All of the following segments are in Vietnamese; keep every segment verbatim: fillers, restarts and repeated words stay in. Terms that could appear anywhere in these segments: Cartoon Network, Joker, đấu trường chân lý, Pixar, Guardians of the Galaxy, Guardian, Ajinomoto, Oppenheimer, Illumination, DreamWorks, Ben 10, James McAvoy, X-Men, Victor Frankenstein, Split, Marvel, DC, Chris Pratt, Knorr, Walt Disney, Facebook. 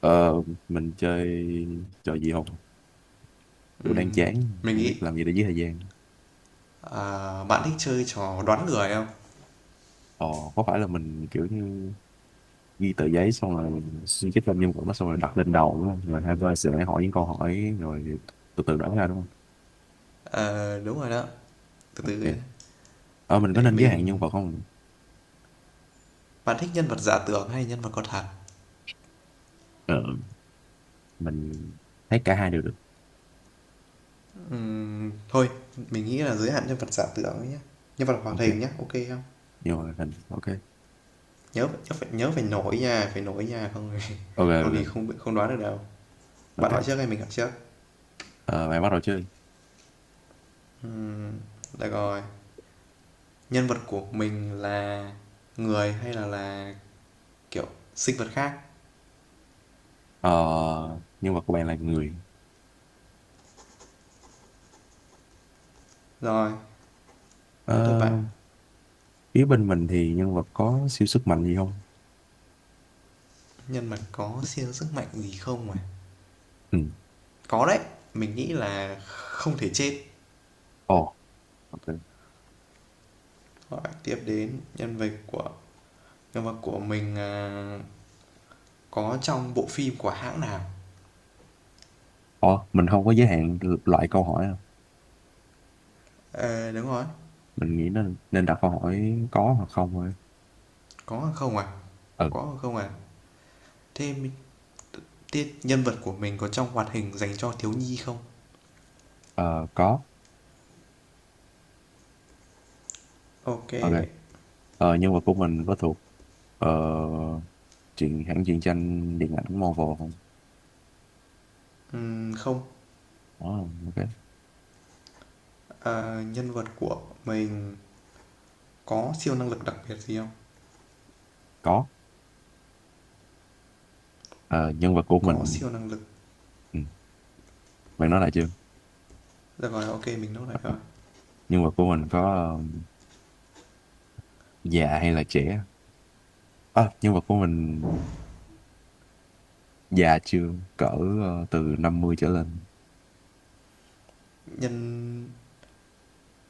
Ờ, mình chơi trò gì không? Kiểu đang Ừm, chán, mình không nghĩ biết làm gì để giết thời gian. à, bạn thích chơi trò đoán người không? Ờ, có phải là mình kiểu như ghi tờ giấy xong rồi mình suy nghĩ lên nhân vật đó xong rồi đặt lên đầu đúng không? Rồi hai bên sẽ hỏi những câu hỏi rồi từ từ đoán ra đúng không? Ờ, đúng rồi đó. Từ từ Ok. nhé. Ờ, mình có Để nên giới hạn nhân mình vật không? Bạn thích nhân vật giả tưởng hay nhân vật có thật? Ờ, mình thấy cả hai đều được. Ừm, thôi, mình nghĩ là giới hạn nhân vật giả tưởng ấy nhé. Nhân vật hoạt Ok. hình nhé, ok không? Nhưng mà hình, ok. Nhớ nhớ phải nhớ phải nổi nha, phải nổi nha không thì Ok, không ok, thì ok. không không đoán được đâu. Bạn hỏi Ok. trước hay mình hỏi trước? Ờ, bạn bắt đầu chơi. Được rồi. Nhân vật của mình là người hay là là kiểu sinh vật khác? Ờ, nhân vật của bạn là người. Rồi, đến lượt Ờ, bạn. phía bên mình thì nhân vật có siêu sức mạnh gì không? Nhân vật có siêu sức mạnh gì không à? Ừ. Có đấy, mình nghĩ là không thể chết. Ồ. Ok. Hỏi tiếp đến nhân vật của nhân vật của mình, à, có trong bộ phim của hãng nào? Ủa, mình không có giới hạn loại câu hỏi à? Ờ, đúng rồi, Mình nghĩ nên nên đặt câu hỏi có hoặc không thôi. có hoặc không à? Ừ, Có hoặc không à? Thế m Nhân vật của mình có trong hoạt hình dành cho thiếu nhi không? ờ, có. Ok kê, Ok. Ờ, nhân vật của mình có thuộc ờ, truyện hãng truyện tranh điện ảnh Marvel không? không. Ồ, ok. Ờ, nhân vật của mình có siêu năng lực đặc biệt gì không? Có. Ờ, nhân vật của Có mình siêu năng lực. ừ, bạn nói lại chưa? Được rồi, ok mình nốt lại rồi. Nhân vật của mình có ờ, già hay là trẻ? À, nhân vật của mình già chưa? Cỡ ờ, từ năm mươi trở lên. Nhân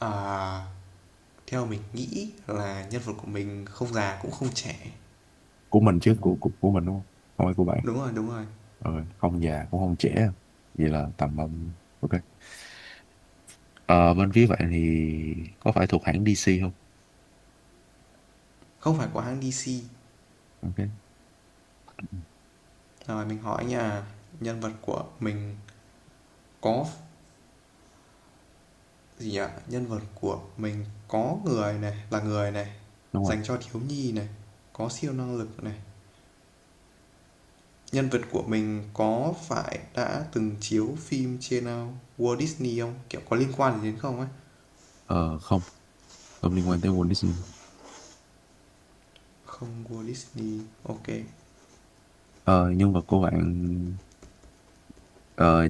à, Theo mình nghĩ là nhân vật của mình không già cũng không trẻ. Của mình chứ, của của, của mình đúng không? Không phải của bạn. Đúng rồi, đúng rồi. Ờ, không già cũng không trẻ. Vậy là tầm um, ok. Ờ, bên phía bạn thì có phải thuộc hãng đê xê không? Không phải của hãng đê xê. Ok, ừ, Rồi mình hỏi nhà nhân vật của mình có gì nhỉ? Nhân vật của mình có người này, là người này, đúng rồi. dành cho thiếu nhi này, có siêu năng lực này. Nhân vật của mình có phải đã từng chiếu phim trên uh, Walt Disney không? Kiểu có liên quan gì đến không ấy? Ờ, không, không liên quan tới Walt Disney. Không Walt Disney. Ok. Ờ, nhân vật của bạn ờ,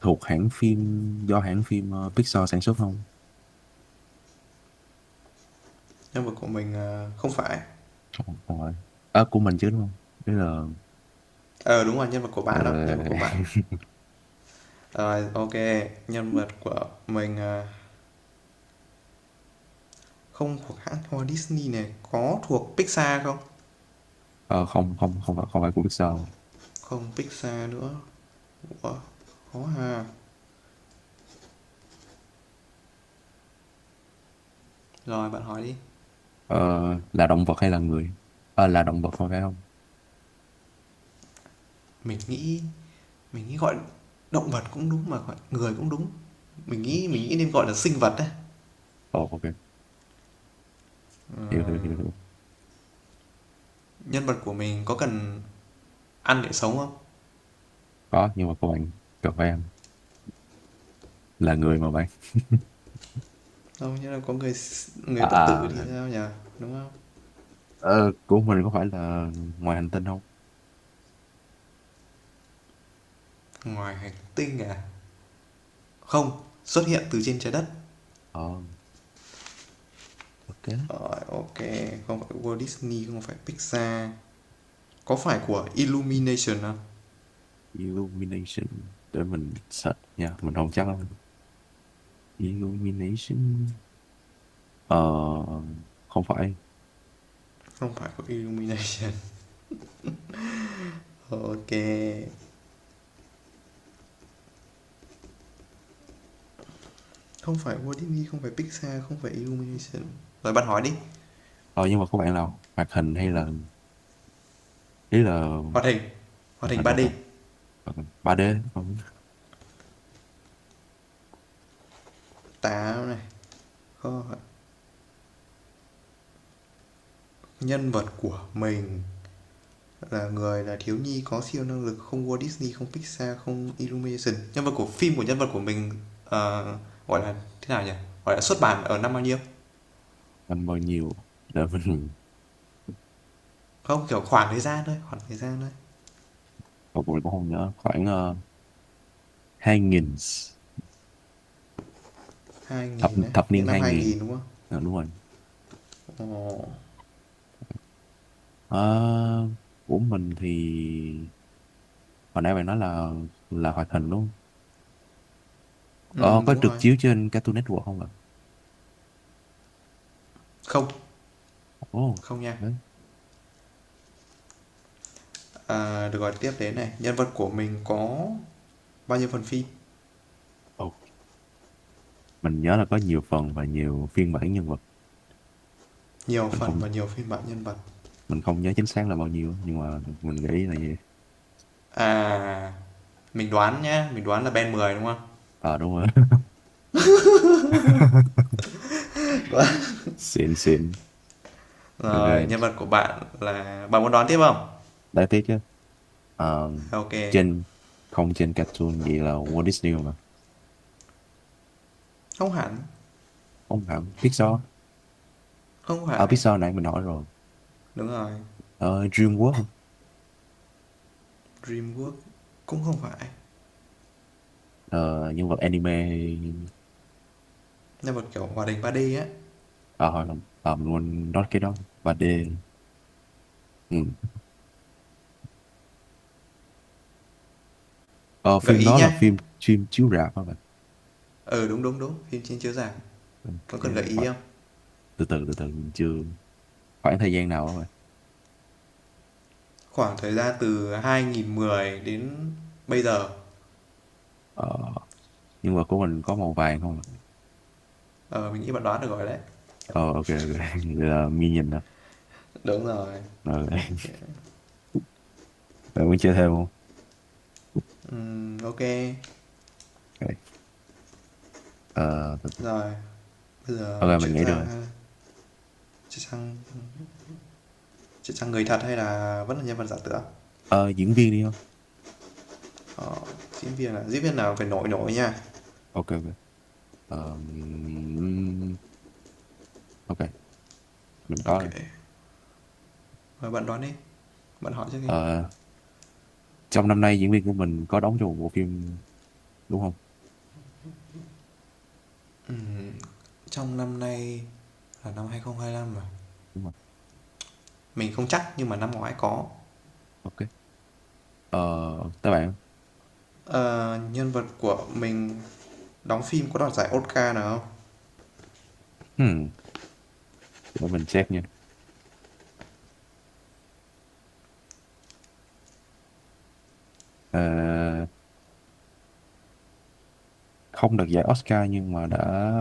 thuộc hãng phim do hãng phim ờ, Pixar sản xuất không? Nhân vật của mình ờ, không phải. Không, không phải. À, của mình chứ đúng không? Tức là Ờ đúng rồi, nhân vật của ờ, bạn đó, nhân vật của bạn. Rồi ok, nhân vật của mình ờ, không thuộc hãng Walt Disney này, có thuộc Pixar không? ờ, không không không phải không phải của Pixar. Không Pixar nữa. Ủa, khó hà. Rồi bạn hỏi đi. Ờ, là động vật hay là người? Ờ, là động vật không phải không? Mình nghĩ mình nghĩ gọi động vật cũng đúng mà gọi người cũng đúng. Mình nghĩ mình nghĩ nên gọi là sinh vật đấy. Ồ, ok, hiểu, hiểu, Ờ, hiểu, hiểu. nhân vật của mình có cần ăn để sống không? Có, nhưng mà của bạn cần phải ăn là người mà bạn. Không, nhưng là có người À, người bất à, tử thì ok. sao nhỉ, đúng không? Ờ, của mình có phải là ngoài hành tinh không? Ngoài hành tinh à? Không xuất hiện từ trên trái đất. Ờ, ok. Rồi ok, không phải Walt Disney, không phải Pixar. Có phải của Illumination không? Illumination. Để mình search nha. Mình không chắc lắm. Illumination. Ờ, không phải. Không phải của Illumination. Ok. Không phải Walt Disney, không phải Pixar, không phải Illumination. Rồi bạn hỏi đi. Ờ, nhưng mà có bạn nào hoạt hình hay là. Ý là Hoạt hình Hoạt hoạt hình hình ba đâu d cần. Hoạt hình ba đê. Không. Táo này. Kho- Nhân vật của mình là người, là thiếu nhi, có siêu năng lực. Không Walt Disney, không Pixar, không Illumination. Nhân vật của phim của nhân vật của mình, ờ, gọi là thế nào nhỉ? Gọi là xuất bản ở năm bao nhiêu? Anh bao nhiêu. Để mình. Không, kiểu khoảng thời gian thôi. Khoảng thời gian thôi. Một mình cũng không nhớ. Khoảng uh, hai nghìn. hai Thập, nghìn đấy. thập niên Những năm hai hai nghìn. nghìn đúng không? Ờ, đúng rồi. Ồ, Ờ, của mình thì. Hồi nãy bạn nói là là hoạt hình đúng không? ừ, Ờ, có đúng được rồi. chiếu trên Cartoon Network không ạ? Không. Ồ, Không nha. đấy. À, được gọi tiếp đến này, nhân vật của mình có bao nhiêu phần phim? Mình nhớ là có nhiều phần và nhiều phiên bản nhân vật. Nhiều mình phần không và nhiều phiên bản nhân vật. mình không nhớ chính xác là bao nhiêu nhưng mà mình nghĩ là gì. À, mình đoán nhá, mình đoán là Ben mười đúng không? Ờ đúng rồi. Xịn xịn. Rồi, nhân Ok. vật của bạn là bạn muốn đoán tiếp không? Đáng tiếc chứ. Ờ, Ok. trên không trên Cartoon, vậy là Walt Disney mà. Không hẳn, Không hẳn Pixar. không À, phải. Pixar nãy mình hỏi rồi. Đúng rồi, Ờ, DreamWorks. Dreamworks cũng không phải. Ờ, nhân vật anime. Nhân vật kiểu hoạt hình ba đê á. Ờ hồi không ờ, mình quên nói cái đó và D. Ừ. ờ, Gợi Phim ý đó là nhá. phim. Phim chiếu rạp hả bạn? Ừ đúng đúng đúng, phim trên chiếu rạp. Ok. Có cần gợi ý Khoảng, không? từ từ từ từ, mình chưa. Khoảng thời gian nào hả bạn? Khoảng thời gian từ hai nghìn không trăm mười đến bây giờ. Ờ, nhưng mà của mình có màu vàng không? Ờ, mình nghĩ bạn đoán được rồi đấy. ờ ok, ok. Vậy là nghi nhìn rồi. Đúng rồi. Rồi. Bạn muốn chơi thêm không? Ừm, ô. Ok. Ờ, từ- từ. Rồi, bây giờ Ok, mình chuyển nghĩ sang, rồi. a, chuyển sang chuyển sang người thật hay là vẫn là nhân vật giả tưởng? ờ Diễn viên đi không? Ờ, diễn viên à? Diễn viên nào phải nổi nổi nha. Ok, ok. Ờ, ừm, ok. Mình có Ok rồi. kê, rồi bạn đoán đi, bạn hỏi trước đi. ờ Trong năm nay diễn viên của mình có đóng trong một bộ phim đúng không? Ừm, Trong năm nay là năm hai không hai lăm mà. Đúng rồi. Mình không chắc nhưng mà năm ngoái có. Ok. ờ Tới bạn. Ờ, nhân vật của mình đóng phim có đoạt giải Oscar nào không? Hmm. Để mình check nha. Ờ, không được giải Oscar nhưng mà đã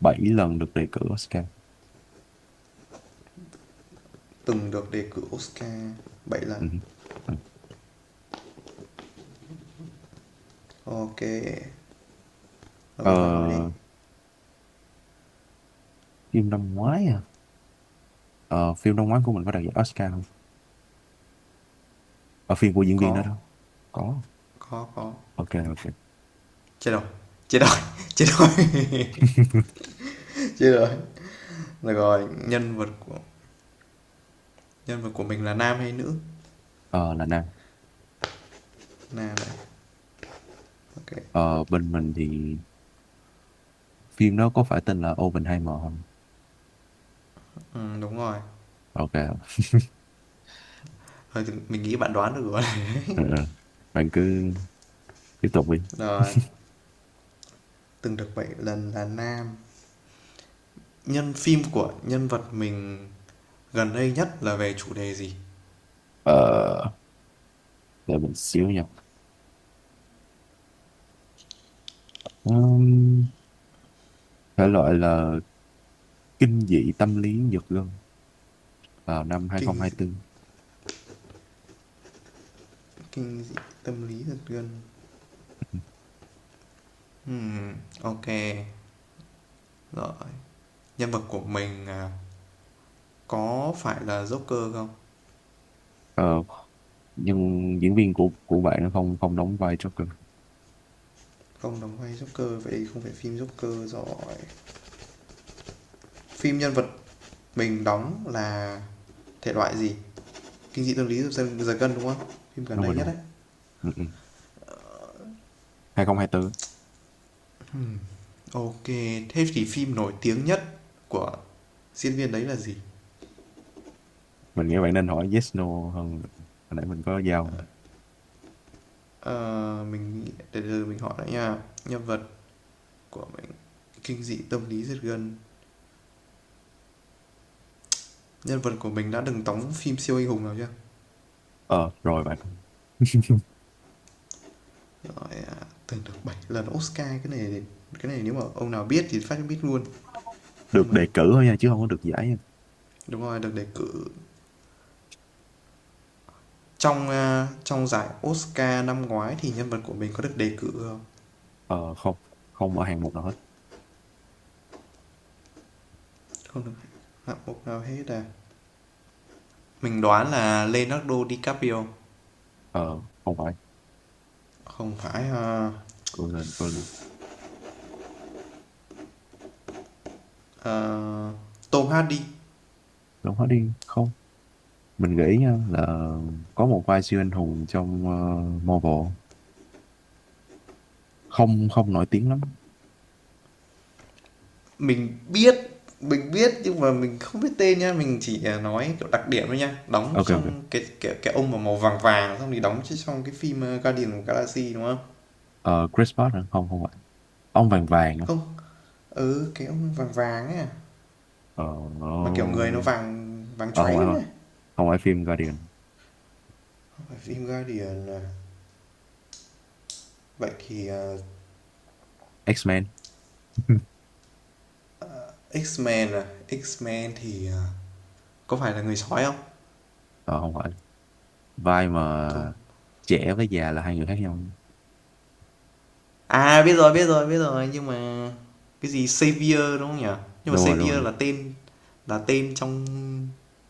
bảy lần được đề cử Oscar. Từng được đề cử Oscar bảy lần. Ừ. Ừ. Ok, ờ rồi bạn hỏi đi. Phim năm ngoái à? Ờ, phim Đông Ngoái của mình có đạt giải Oscar không? Ở phim của diễn viên đó Có, đó. Có. có, có. Ok, ok. Chết rồi, chết rồi, chết rồi. Chết rồi. Được rồi, nhân vật của nhân vật của mình là nam hay nữ? Ờ, là nè. Nam này. Ok. Ờ, bên mình thì phim đó có phải tên là Oppenheimer không? Ừ, đúng rồi. Ok. Rồi mình nghĩ bạn đoán được rồi. Ừ, ừ. Bạn cứ tiếp tục đi. Rồi, từng được bảy lần, là nam. Nhân phim của nhân vật mình gần đây nhất là về chủ đề gì? Ờ, để mình xíu nha. Ừm, thể loại là kinh dị tâm lý giật gân vào năm kinh dị- hai không hai tư. Kinh dị tâm lý thực dân. Ừm, ok, rồi nhân vật của mình, à, có phải là Joker không? Ờ, nhưng diễn viên của của bạn nó không không đóng vai Joker. Không đóng vai Joker, vậy không phải phim Joker rồi. Phim nhân vật mình đóng là thể loại gì? Kinh dị tâm lý giật giật gân đúng không? Phim gần Đúng đây rồi nhất luôn. đấy. Ừ, ừ. hai không hai tư. Ừm, ok, thế thì phim nổi tiếng nhất của diễn viên đấy là gì? Mình nghĩ bạn nên hỏi yes no hơn. Hồi nãy mình có giao. Ờ, mình để giờ mình hỏi lại nha. Nhân vật của mình kinh dị tâm lý giật gân. Nhân vật của mình đã từng đóng phim siêu anh hùng nào chưa? Ờ, rồi bạn. Rồi à, từng được bảy lần Oscar. Cái này cái này nếu mà ông nào biết thì phát biết luôn. Nhưng Được mà đề cử thôi nha, chứ không có được giải nha. đúng rồi, được đề cử trong ờ, trong giải Oscar năm ngoái thì nhân vật của mình có được đề cử không? Ờ, không, không ở hạng mục nào hết. Không được hạng mục nào hết à? Mình đoán là Leonardo DiCaprio. Ờ, không phải. Không phải. ờ, Cô lên, cô lên. ờ, Tom Hardy. Đúng hết đi. Không. Mình nghĩ nha là có một vai siêu anh hùng trong uh, Marvel. Không, không nổi tiếng lắm. Mình biết mình biết nhưng mà mình không biết tên nha, mình chỉ ờ, nói kiểu đặc điểm thôi nha, đóng Ok, ok. trong cái cái cái ông mà màu vàng vàng, xong thì đóng trong cái phim ờ, Guardian of Galaxy đúng không? Ờ, Chris Pratt hả? Không, không phải. Ông vàng vàng hả? Không, ừ, cái ông vàng vàng ấy à? Ờ, Mà kiểu người nó vàng vàng ờ Không chóe phải thôi. nữa. Không phải phim Guardian. Phim Guardian à? Vậy thì, ờ, X-Men. X-Men à? X-Men thì, ờ, có phải là người sói không? Ờ, không phải. Vai Thu. mà trẻ với già là hai người khác nhau. À, biết rồi, biết rồi, biết rồi, nhưng mà cái gì Xavier đúng không nhỉ? Nhưng mà Đúng rồi, đúng Xavier rồi. là tên là tên trong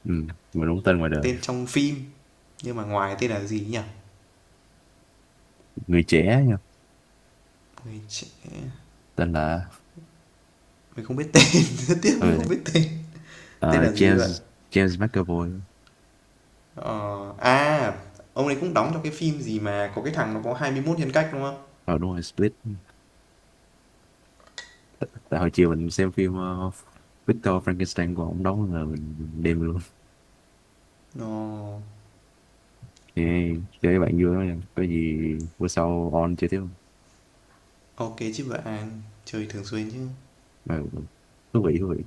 Ừ, mà đúng tên ngoài đời. tên trong phim, nhưng mà ngoài tên là gì nhỉ? Người trẻ nha, Người trẻ. tên là Mình không biết tên, rất tiếc ờ, mình không biết tên. Tên ờ, là gì vậy? James James McAvoy. Ờ, à, ông ấy cũng đóng trong cái phim gì mà có cái thằng nó có hai mươi mốt nhân cách đúng không? ờ Đúng rồi, Split. Tại hồi chiều mình xem phim ờ, Victor Frankenstein của ông đóng là mình mình đêm luôn. Ồ, Thì chơi với bạn vui lắm nha, có gì bữa sau on chơi tiếp không? ok chứ bạn, chơi thường xuyên chứ. Ờ, thú vị thú vị.